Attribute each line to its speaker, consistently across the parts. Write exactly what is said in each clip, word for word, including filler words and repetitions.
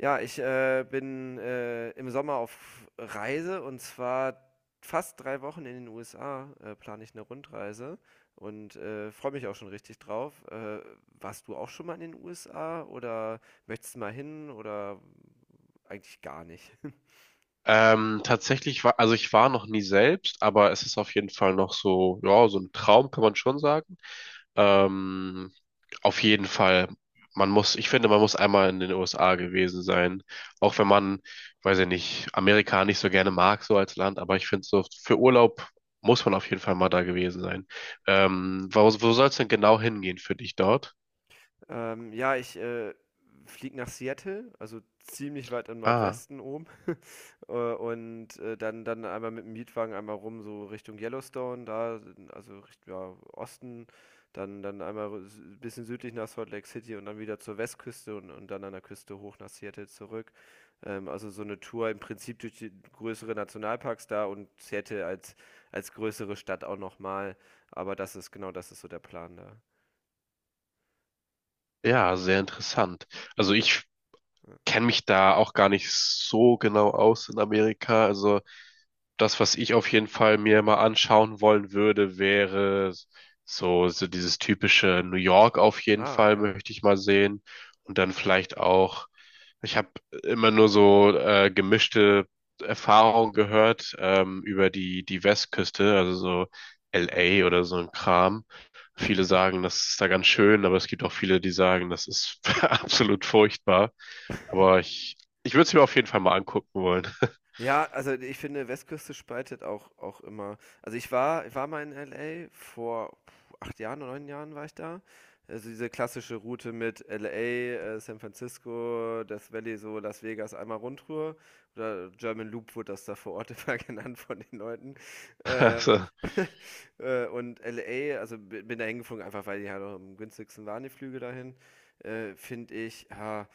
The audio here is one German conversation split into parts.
Speaker 1: Ja, ich, äh, bin, äh, im Sommer auf Reise und zwar fast drei Wochen in den U S A, äh, plane ich eine Rundreise und, äh, freue mich auch schon richtig drauf. Äh, warst du auch schon mal in den U S A oder möchtest mal hin oder eigentlich gar nicht?
Speaker 2: Ähm, tatsächlich war, also ich war noch nie selbst, aber es ist auf jeden Fall noch so, ja, so ein Traum kann man schon sagen. Ähm, auf jeden Fall, man muss, ich finde, man muss einmal in den U S A gewesen sein. Auch wenn man, weiß ich nicht, Amerika nicht so gerne
Speaker 1: Mhm.
Speaker 2: mag, so als Land, aber ich finde so, für Urlaub muss man auf jeden Fall mal da gewesen sein. Ähm, wo, wo soll es denn genau hingehen für dich dort?
Speaker 1: Ähm, ja, ich, äh, fliege nach Seattle, also ziemlich weit im
Speaker 2: Ah,
Speaker 1: Nordwesten oben. Äh, und, äh, dann dann einmal mit dem Mietwagen einmal rum, so Richtung Yellowstone, da also Richtung ja, Osten, dann dann einmal r s bisschen südlich nach Salt Lake City und dann wieder zur Westküste und und dann an der Küste hoch nach Seattle zurück. Ähm, also so eine Tour im Prinzip durch die größere Nationalparks da und Seattle als als größere Stadt auch noch mal. Aber das ist genau, das ist so der Plan da.
Speaker 2: ja, sehr interessant. Also ich
Speaker 1: Ja.
Speaker 2: kenne mich da auch gar nicht so genau aus in Amerika. Also das, was ich auf jeden Fall mir mal anschauen wollen würde, wäre so, so dieses typische New York auf jeden
Speaker 1: Ah,
Speaker 2: Fall
Speaker 1: ja.
Speaker 2: möchte ich mal sehen. Und dann vielleicht auch, ich habe immer nur so äh, gemischte Erfahrungen gehört, ähm, über die, die Westküste, also so
Speaker 1: Ah.
Speaker 2: L A oder so ein Kram. Viele sagen, das ist da ganz schön, aber es gibt auch viele, die sagen, das ist absolut furchtbar. Aber ich, ich würde es mir auf jeden Fall mal angucken wollen.
Speaker 1: Ja, also ich finde, Westküste spaltet auch, auch immer. Also ich war, ich war mal in L A vor puh, acht Jahren oder neun Jahren war ich da. Also diese klassische Route mit L A, äh, San Francisco, Death Valley, so Las Vegas, einmal Rundtour. Oder German Loop wurde das da vor Ort immer genannt von den Leuten. Äh,
Speaker 2: Also,
Speaker 1: äh, und L A, also bi- bin da hingeflogen, einfach weil die halt auch am günstigsten waren, die Flüge dahin. Äh, finde ich, ja,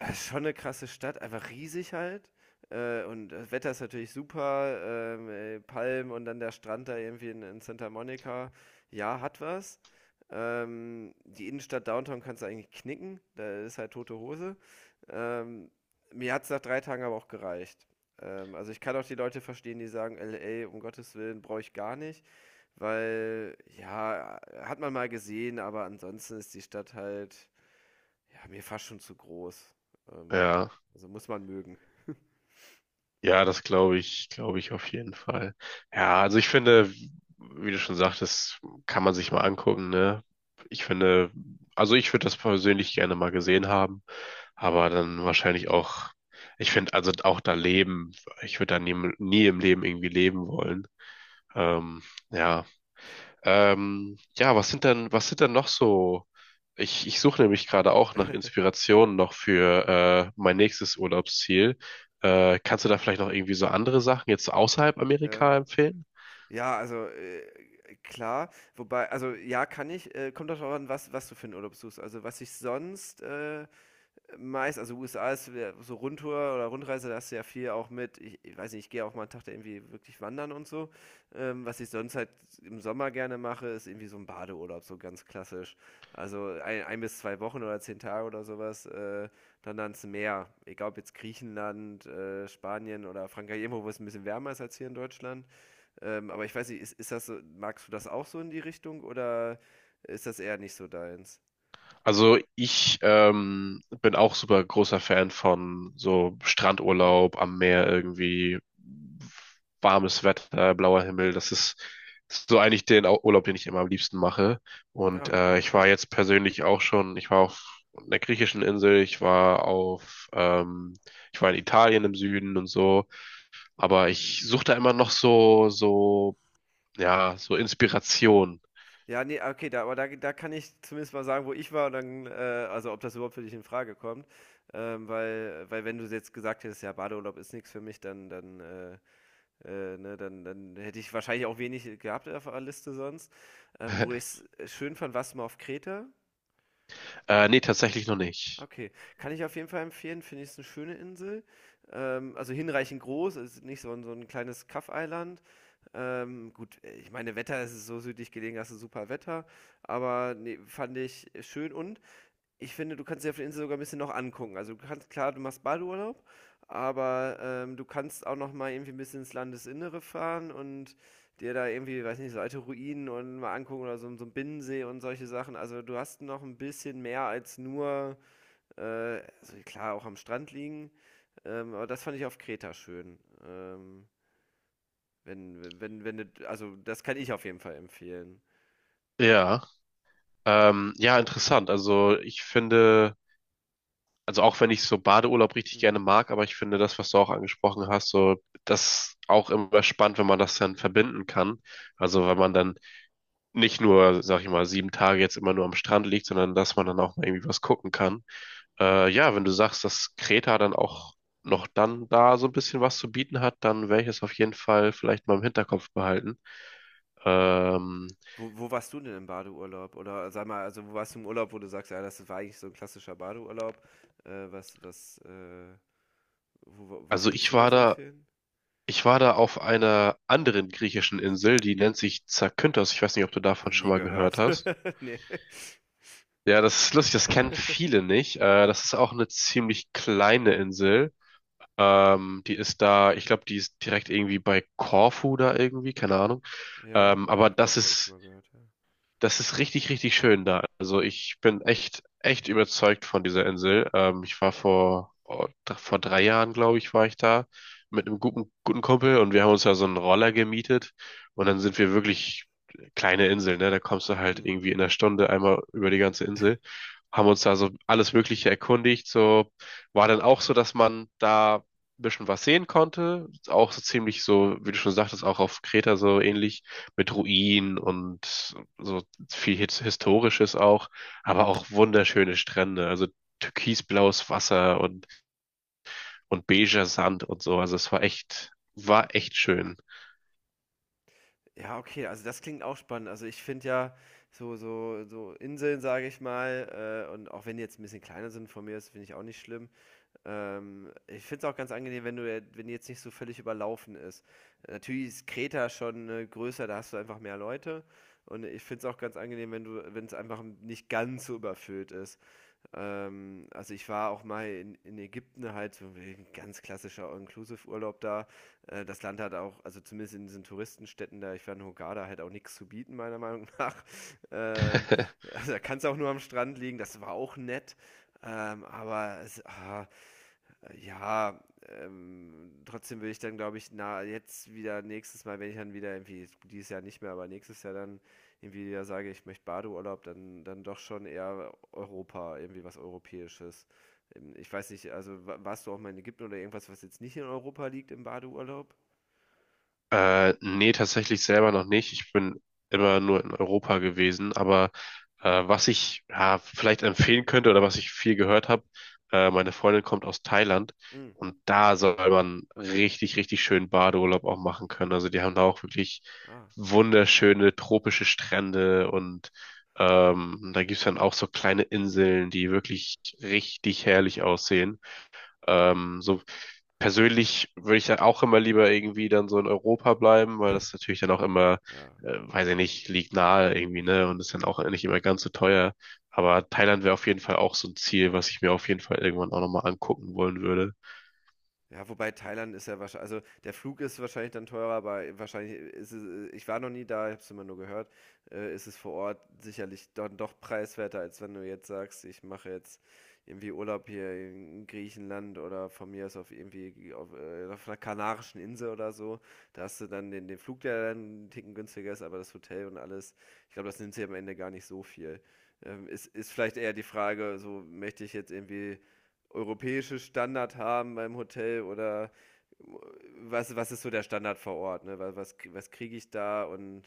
Speaker 1: ja, ist schon eine krasse Stadt, einfach riesig halt, äh, und das Wetter ist natürlich super, ähm, äh, Palmen und dann der Strand da irgendwie in in Santa Monica. Ja, hat was. Ähm, die Innenstadt Downtown kannst du eigentlich knicken, da ist halt tote Hose. Ähm, Mir hat es nach drei Tagen aber auch gereicht. Ähm, also, ich kann auch die Leute verstehen, die sagen: „L A, um Gottes Willen, brauche ich gar nicht", weil ja, hat man mal gesehen, aber ansonsten ist die Stadt halt ja, mir fast schon zu groß. Ähm,
Speaker 2: ja.
Speaker 1: also muss man mögen.
Speaker 2: Ja, das glaube ich, glaube ich auf jeden Fall. Ja, also ich finde, wie du schon sagtest, kann man sich mal angucken, ne? Ich finde, also ich würde das persönlich gerne mal gesehen haben, aber dann wahrscheinlich auch, ich finde, also auch da leben, ich würde da nie, nie im Leben irgendwie leben wollen. Ähm, ja, ähm, ja, was sind denn, was sind denn noch so? Ich, ich suche
Speaker 1: Mhm.
Speaker 2: nämlich gerade auch nach Inspirationen noch für äh, mein nächstes Urlaubsziel. Äh, kannst du da vielleicht noch irgendwie so andere Sachen jetzt außerhalb
Speaker 1: Ja.
Speaker 2: Amerika empfehlen?
Speaker 1: Ja, also äh, klar, wobei, also ja, kann ich, äh, kommt doch darauf an, was, was du für einen Urlaub suchst. Also was ich sonst äh, meist, also U S A ist wär- so Rundtour oder Rundreise, da hast du ja viel auch mit, ich, ich weiß nicht, ich gehe auch mal einen Tag da irgendwie wirklich wandern und so. Ähm, was ich sonst halt im Sommer gerne mache, ist irgendwie so ein Badeurlaub, so ganz klassisch. Also ein, ein bis zwei Wochen oder zehn Tage oder sowas, äh, dann ans Meer. Egal ob jetzt Griechenland, äh, Spanien oder Frankreich, irgendwo, wo es ein bisschen wärmer ist als hier in Deutschland. Ähm, aber ich weiß nicht, ist, ist das so, magst du das auch so in die Richtung oder ist das eher nicht so deins?
Speaker 2: Also ich ähm, bin auch super großer Fan von so
Speaker 1: Hm.
Speaker 2: Strandurlaub am Meer irgendwie, warmes Wetter, blauer Himmel. Das ist, so eigentlich den Au- Urlaub, den ich immer am liebsten mache. Und
Speaker 1: Ja,
Speaker 2: äh,
Speaker 1: cool,
Speaker 2: ich war
Speaker 1: ja.
Speaker 2: jetzt persönlich auch schon, ich war auf einer griechischen Insel, ich war auf, ähm, ich war in Italien im Süden und so. Aber ich suche da immer noch so, so, ja, so Inspiration.
Speaker 1: Ja, ne, okay, da aber da da kann ich zumindest mal sagen, wo ich war und dann, äh also, ob das überhaupt für dich in Frage kommt. Ähm, weil weil wenn du jetzt gesagt hättest: „Ja, Badeurlaub ist nichts für mich", dann dann, äh äh, ne, dann dann hätte ich wahrscheinlich auch wenig gehabt auf der Liste sonst. Ähm, wo ich's schön fand, warst du mal auf Kreta?
Speaker 2: Äh, nee, tatsächlich noch nicht.
Speaker 1: Okay, kann ich auf jeden Fall empfehlen, finde ich, ist eine schöne Insel. Ähm, also hinreichend groß, ist nicht so ein so 'n kleines Kaff-Eiland. Ähm, gut, äh, ich meine, Wetter es ist so südlich gelegen, hast du super Wetter, aber ne, fand ich schön und ich finde, du kannst dir auf der Insel sogar ein bisschen noch angucken. Also, du kannst klar, du machst Badeurlaub, aber, ähm, du kannst auch noch mal irgendwie ein bisschen ins Landesinnere fahren und dir da irgendwie, weiß nicht, so alte Ruinen und mal angucken oder so 'n so 'n Binnensee und solche Sachen. Also, du hast noch ein bisschen mehr als nur äh, also klar, auch am Strand liegen. Ähm, aber das fand ich auf Kreta schön. Ähm, wenn, wenn, wenn, du- also das kann ich auf jeden Fall empfehlen.
Speaker 2: Ja. Ähm, ja, interessant. Also ich finde, also auch wenn ich so Badeurlaub richtig
Speaker 1: Mhm.
Speaker 2: gerne mag, aber ich finde das, was du auch angesprochen hast, so das auch immer spannend, wenn man das dann verbinden kann. Also wenn man dann nicht nur, sag ich mal, sieben Tage jetzt immer nur am Strand liegt, sondern dass man
Speaker 1: Mhm.
Speaker 2: dann auch mal irgendwie was gucken kann. Äh, ja, wenn du sagst, dass Kreta dann auch noch dann da so ein bisschen was zu bieten hat, dann werde ich es auf jeden Fall vielleicht mal im Hinterkopf behalten. Ähm,
Speaker 1: Wo, wo warst du denn im Badeurlaub? Oder sag mal, also wo warst du im Urlaub, wo du sagst, ja, das war eigentlich so ein klassischer Badeurlaub. Äh, was, was, äh, wo, wo- Was
Speaker 2: also
Speaker 1: kannst
Speaker 2: ich
Speaker 1: du da
Speaker 2: war
Speaker 1: so
Speaker 2: da
Speaker 1: empfehlen?
Speaker 2: ich war da auf einer anderen griechischen Insel, die nennt sich Zakynthos. Ich weiß nicht, ob du
Speaker 1: Noch
Speaker 2: davon schon
Speaker 1: nie
Speaker 2: mal gehört
Speaker 1: gehört.
Speaker 2: hast.
Speaker 1: Nee.
Speaker 2: Ja, das ist lustig, das kennen viele nicht. Äh, das ist auch eine ziemlich kleine Insel. Ähm, die ist da, ich glaube, die ist direkt irgendwie bei Korfu da irgendwie, keine Ahnung.
Speaker 1: Ja,
Speaker 2: Ähm, aber
Speaker 1: also
Speaker 2: das
Speaker 1: Koffer habe ich schon
Speaker 2: ist
Speaker 1: mal gehört, ja.
Speaker 2: Das ist richtig, richtig schön da. Also ich bin echt, echt überzeugt von dieser Insel. Ähm, ich war vor, oh, dr- vor drei Jahren, glaube ich, war ich da mit einem guten, guten Kumpel, und wir haben uns da so einen Roller gemietet, und dann sind wir wirklich, kleine Insel, ne? Da kommst du halt
Speaker 1: Mm.
Speaker 2: irgendwie in einer Stunde einmal über die ganze Insel. Haben uns da so alles Mögliche erkundigt. So war dann auch so, dass man da ein bisschen was sehen konnte. Auch so ziemlich so, wie du schon sagtest, auch auf Kreta so ähnlich, mit Ruinen und so viel His- Historisches auch, aber auch wunderschöne Strände, also türkisblaues Wasser und, und beiger Sand und so. Also es war echt, war echt schön.
Speaker 1: Ja, okay, also das klingt auch spannend. Also ich finde ja so, so, so Inseln, sage ich mal, äh, und auch wenn die jetzt ein bisschen kleiner sind von mir, das finde ich auch nicht schlimm. Ähm, ich finde es auch ganz angenehm, wenn du, ja- wenn die jetzt nicht so völlig überlaufen ist. Natürlich ist Kreta schon äh, größer, da hast du einfach mehr Leute. Und ich finde es auch ganz angenehm, wenn du, wenn es einfach nicht ganz so überfüllt ist. Ähm, also ich war auch mal in, in Ägypten halt so ein ganz klassischer All-Inclusive-Urlaub da. Äh, das Land hat auch, also zumindest in diesen Touristenstädten da, ich war in Hurghada, halt auch nichts zu bieten, meiner Meinung nach. Ähm, also da kann es auch nur am Strand liegen, das war auch nett. Ähm, aber es, ah, äh, Ja, ähm, Trotzdem will ich dann, glaube ich, na, jetzt wieder nächstes Mal, wenn ich dann wieder irgendwie, dieses Jahr nicht mehr, aber nächstes Jahr dann irgendwie wieder sage, ich möchte Badeurlaub, dann, dann doch schon eher Europa, irgendwie was Europäisches. Ähm, Ich weiß nicht, also wa- warst du auch mal in Ägypten oder irgendwas, was jetzt nicht in Europa liegt im Badeurlaub?
Speaker 2: Äh, nee, tatsächlich selber noch nicht. Ich bin immer nur in Europa gewesen, aber äh, was ich ja vielleicht empfehlen könnte oder was ich viel gehört habe, äh, meine Freundin kommt aus Thailand,
Speaker 1: Hm.
Speaker 2: und da soll man richtig, richtig schönen Badeurlaub auch machen können. Also die haben da auch wirklich
Speaker 1: Ah,
Speaker 2: wunderschöne tropische Strände, und ähm, da gibt's dann auch so kleine Inseln, die wirklich richtig herrlich aussehen. Ähm, so persönlich würde ich dann auch immer lieber irgendwie dann so in Europa bleiben, weil das natürlich dann auch immer,
Speaker 1: ja.
Speaker 2: äh, weiß ich nicht, liegt nahe irgendwie, ne? Und ist dann auch nicht immer ganz so teuer. Aber Thailand wäre auf jeden Fall auch so ein Ziel, was ich mir auf jeden Fall irgendwann auch nochmal angucken wollen würde.
Speaker 1: Ja, wobei Thailand ist ja wahrscheinlich, also der Flug ist wahrscheinlich dann teurer, aber wahrscheinlich ist es, ich war noch nie da, ich habe es immer nur gehört, äh, ist es vor Ort sicherlich dann doch preiswerter, als wenn du jetzt sagst, ich mache jetzt irgendwie Urlaub hier in Griechenland oder von mir aus auf irgendwie auf, äh, auf einer kanarischen Insel oder so. Da hast du dann den, den Flug, der dann einen Ticken günstiger ist, aber das Hotel und alles, ich glaube, das nimmt sich am Ende gar nicht so viel. Ähm, ist, ist vielleicht eher die Frage, so möchte ich jetzt irgendwie europäische Standard haben beim Hotel oder was, was ist so der Standard vor Ort? Ne? Wa- Was, was kriege ich da? Und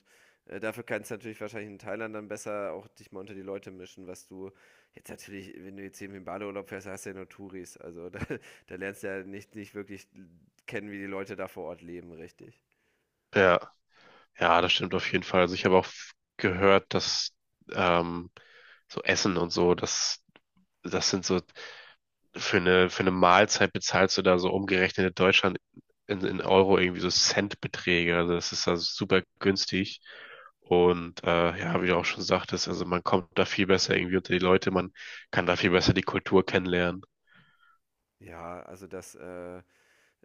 Speaker 1: äh, dafür kannst du natürlich wahrscheinlich in Thailand dann besser auch dich mal unter die Leute mischen, was du jetzt natürlich, wenn du jetzt eben im Badeurlaub fährst, hast du ja nur Touris. Also da, da lernst du ja nicht, nicht wirklich kennen, wie die Leute da vor Ort leben, richtig.
Speaker 2: Ja, ja, das stimmt auf jeden Fall. Also ich habe auch f- gehört, dass ähm, so Essen und so, das, das sind so. für eine, für eine Mahlzeit bezahlst du da so umgerechnet in Deutschland in, in Euro irgendwie so Centbeträge. Also das ist da super günstig. Und äh, ja, wie du auch schon sagtest, also man kommt da viel besser irgendwie unter die Leute, man kann da viel besser die Kultur kennenlernen.
Speaker 1: Ja, also das, äh,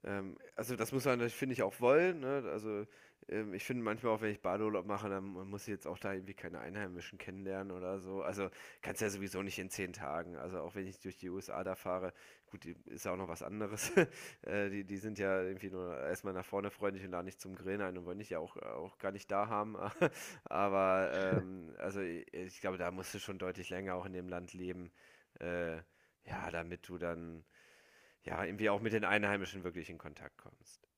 Speaker 1: Ähm, also das muss man, finde ich, auch wollen. Ne? Also ähm, ich finde manchmal auch, wenn ich Badeurlaub mache, dann muss ich jetzt auch da irgendwie keine Einheimischen kennenlernen oder so. Also kannst ja sowieso nicht in zehn Tagen. Also auch wenn ich durch die U S A da fahre, gut, die- ist ja auch noch was anderes. äh, die, die sind ja irgendwie nur erstmal nach vorne freundlich und laden nicht zum Grillen ein und wollen dich ja auch, auch gar nicht da haben. Aber ähm, also ich, ich glaube, da musst du schon deutlich länger auch in dem Land leben. Äh, ja, damit du dann ja, irgendwie auch mit den Einheimischen wirklich in Kontakt kommst.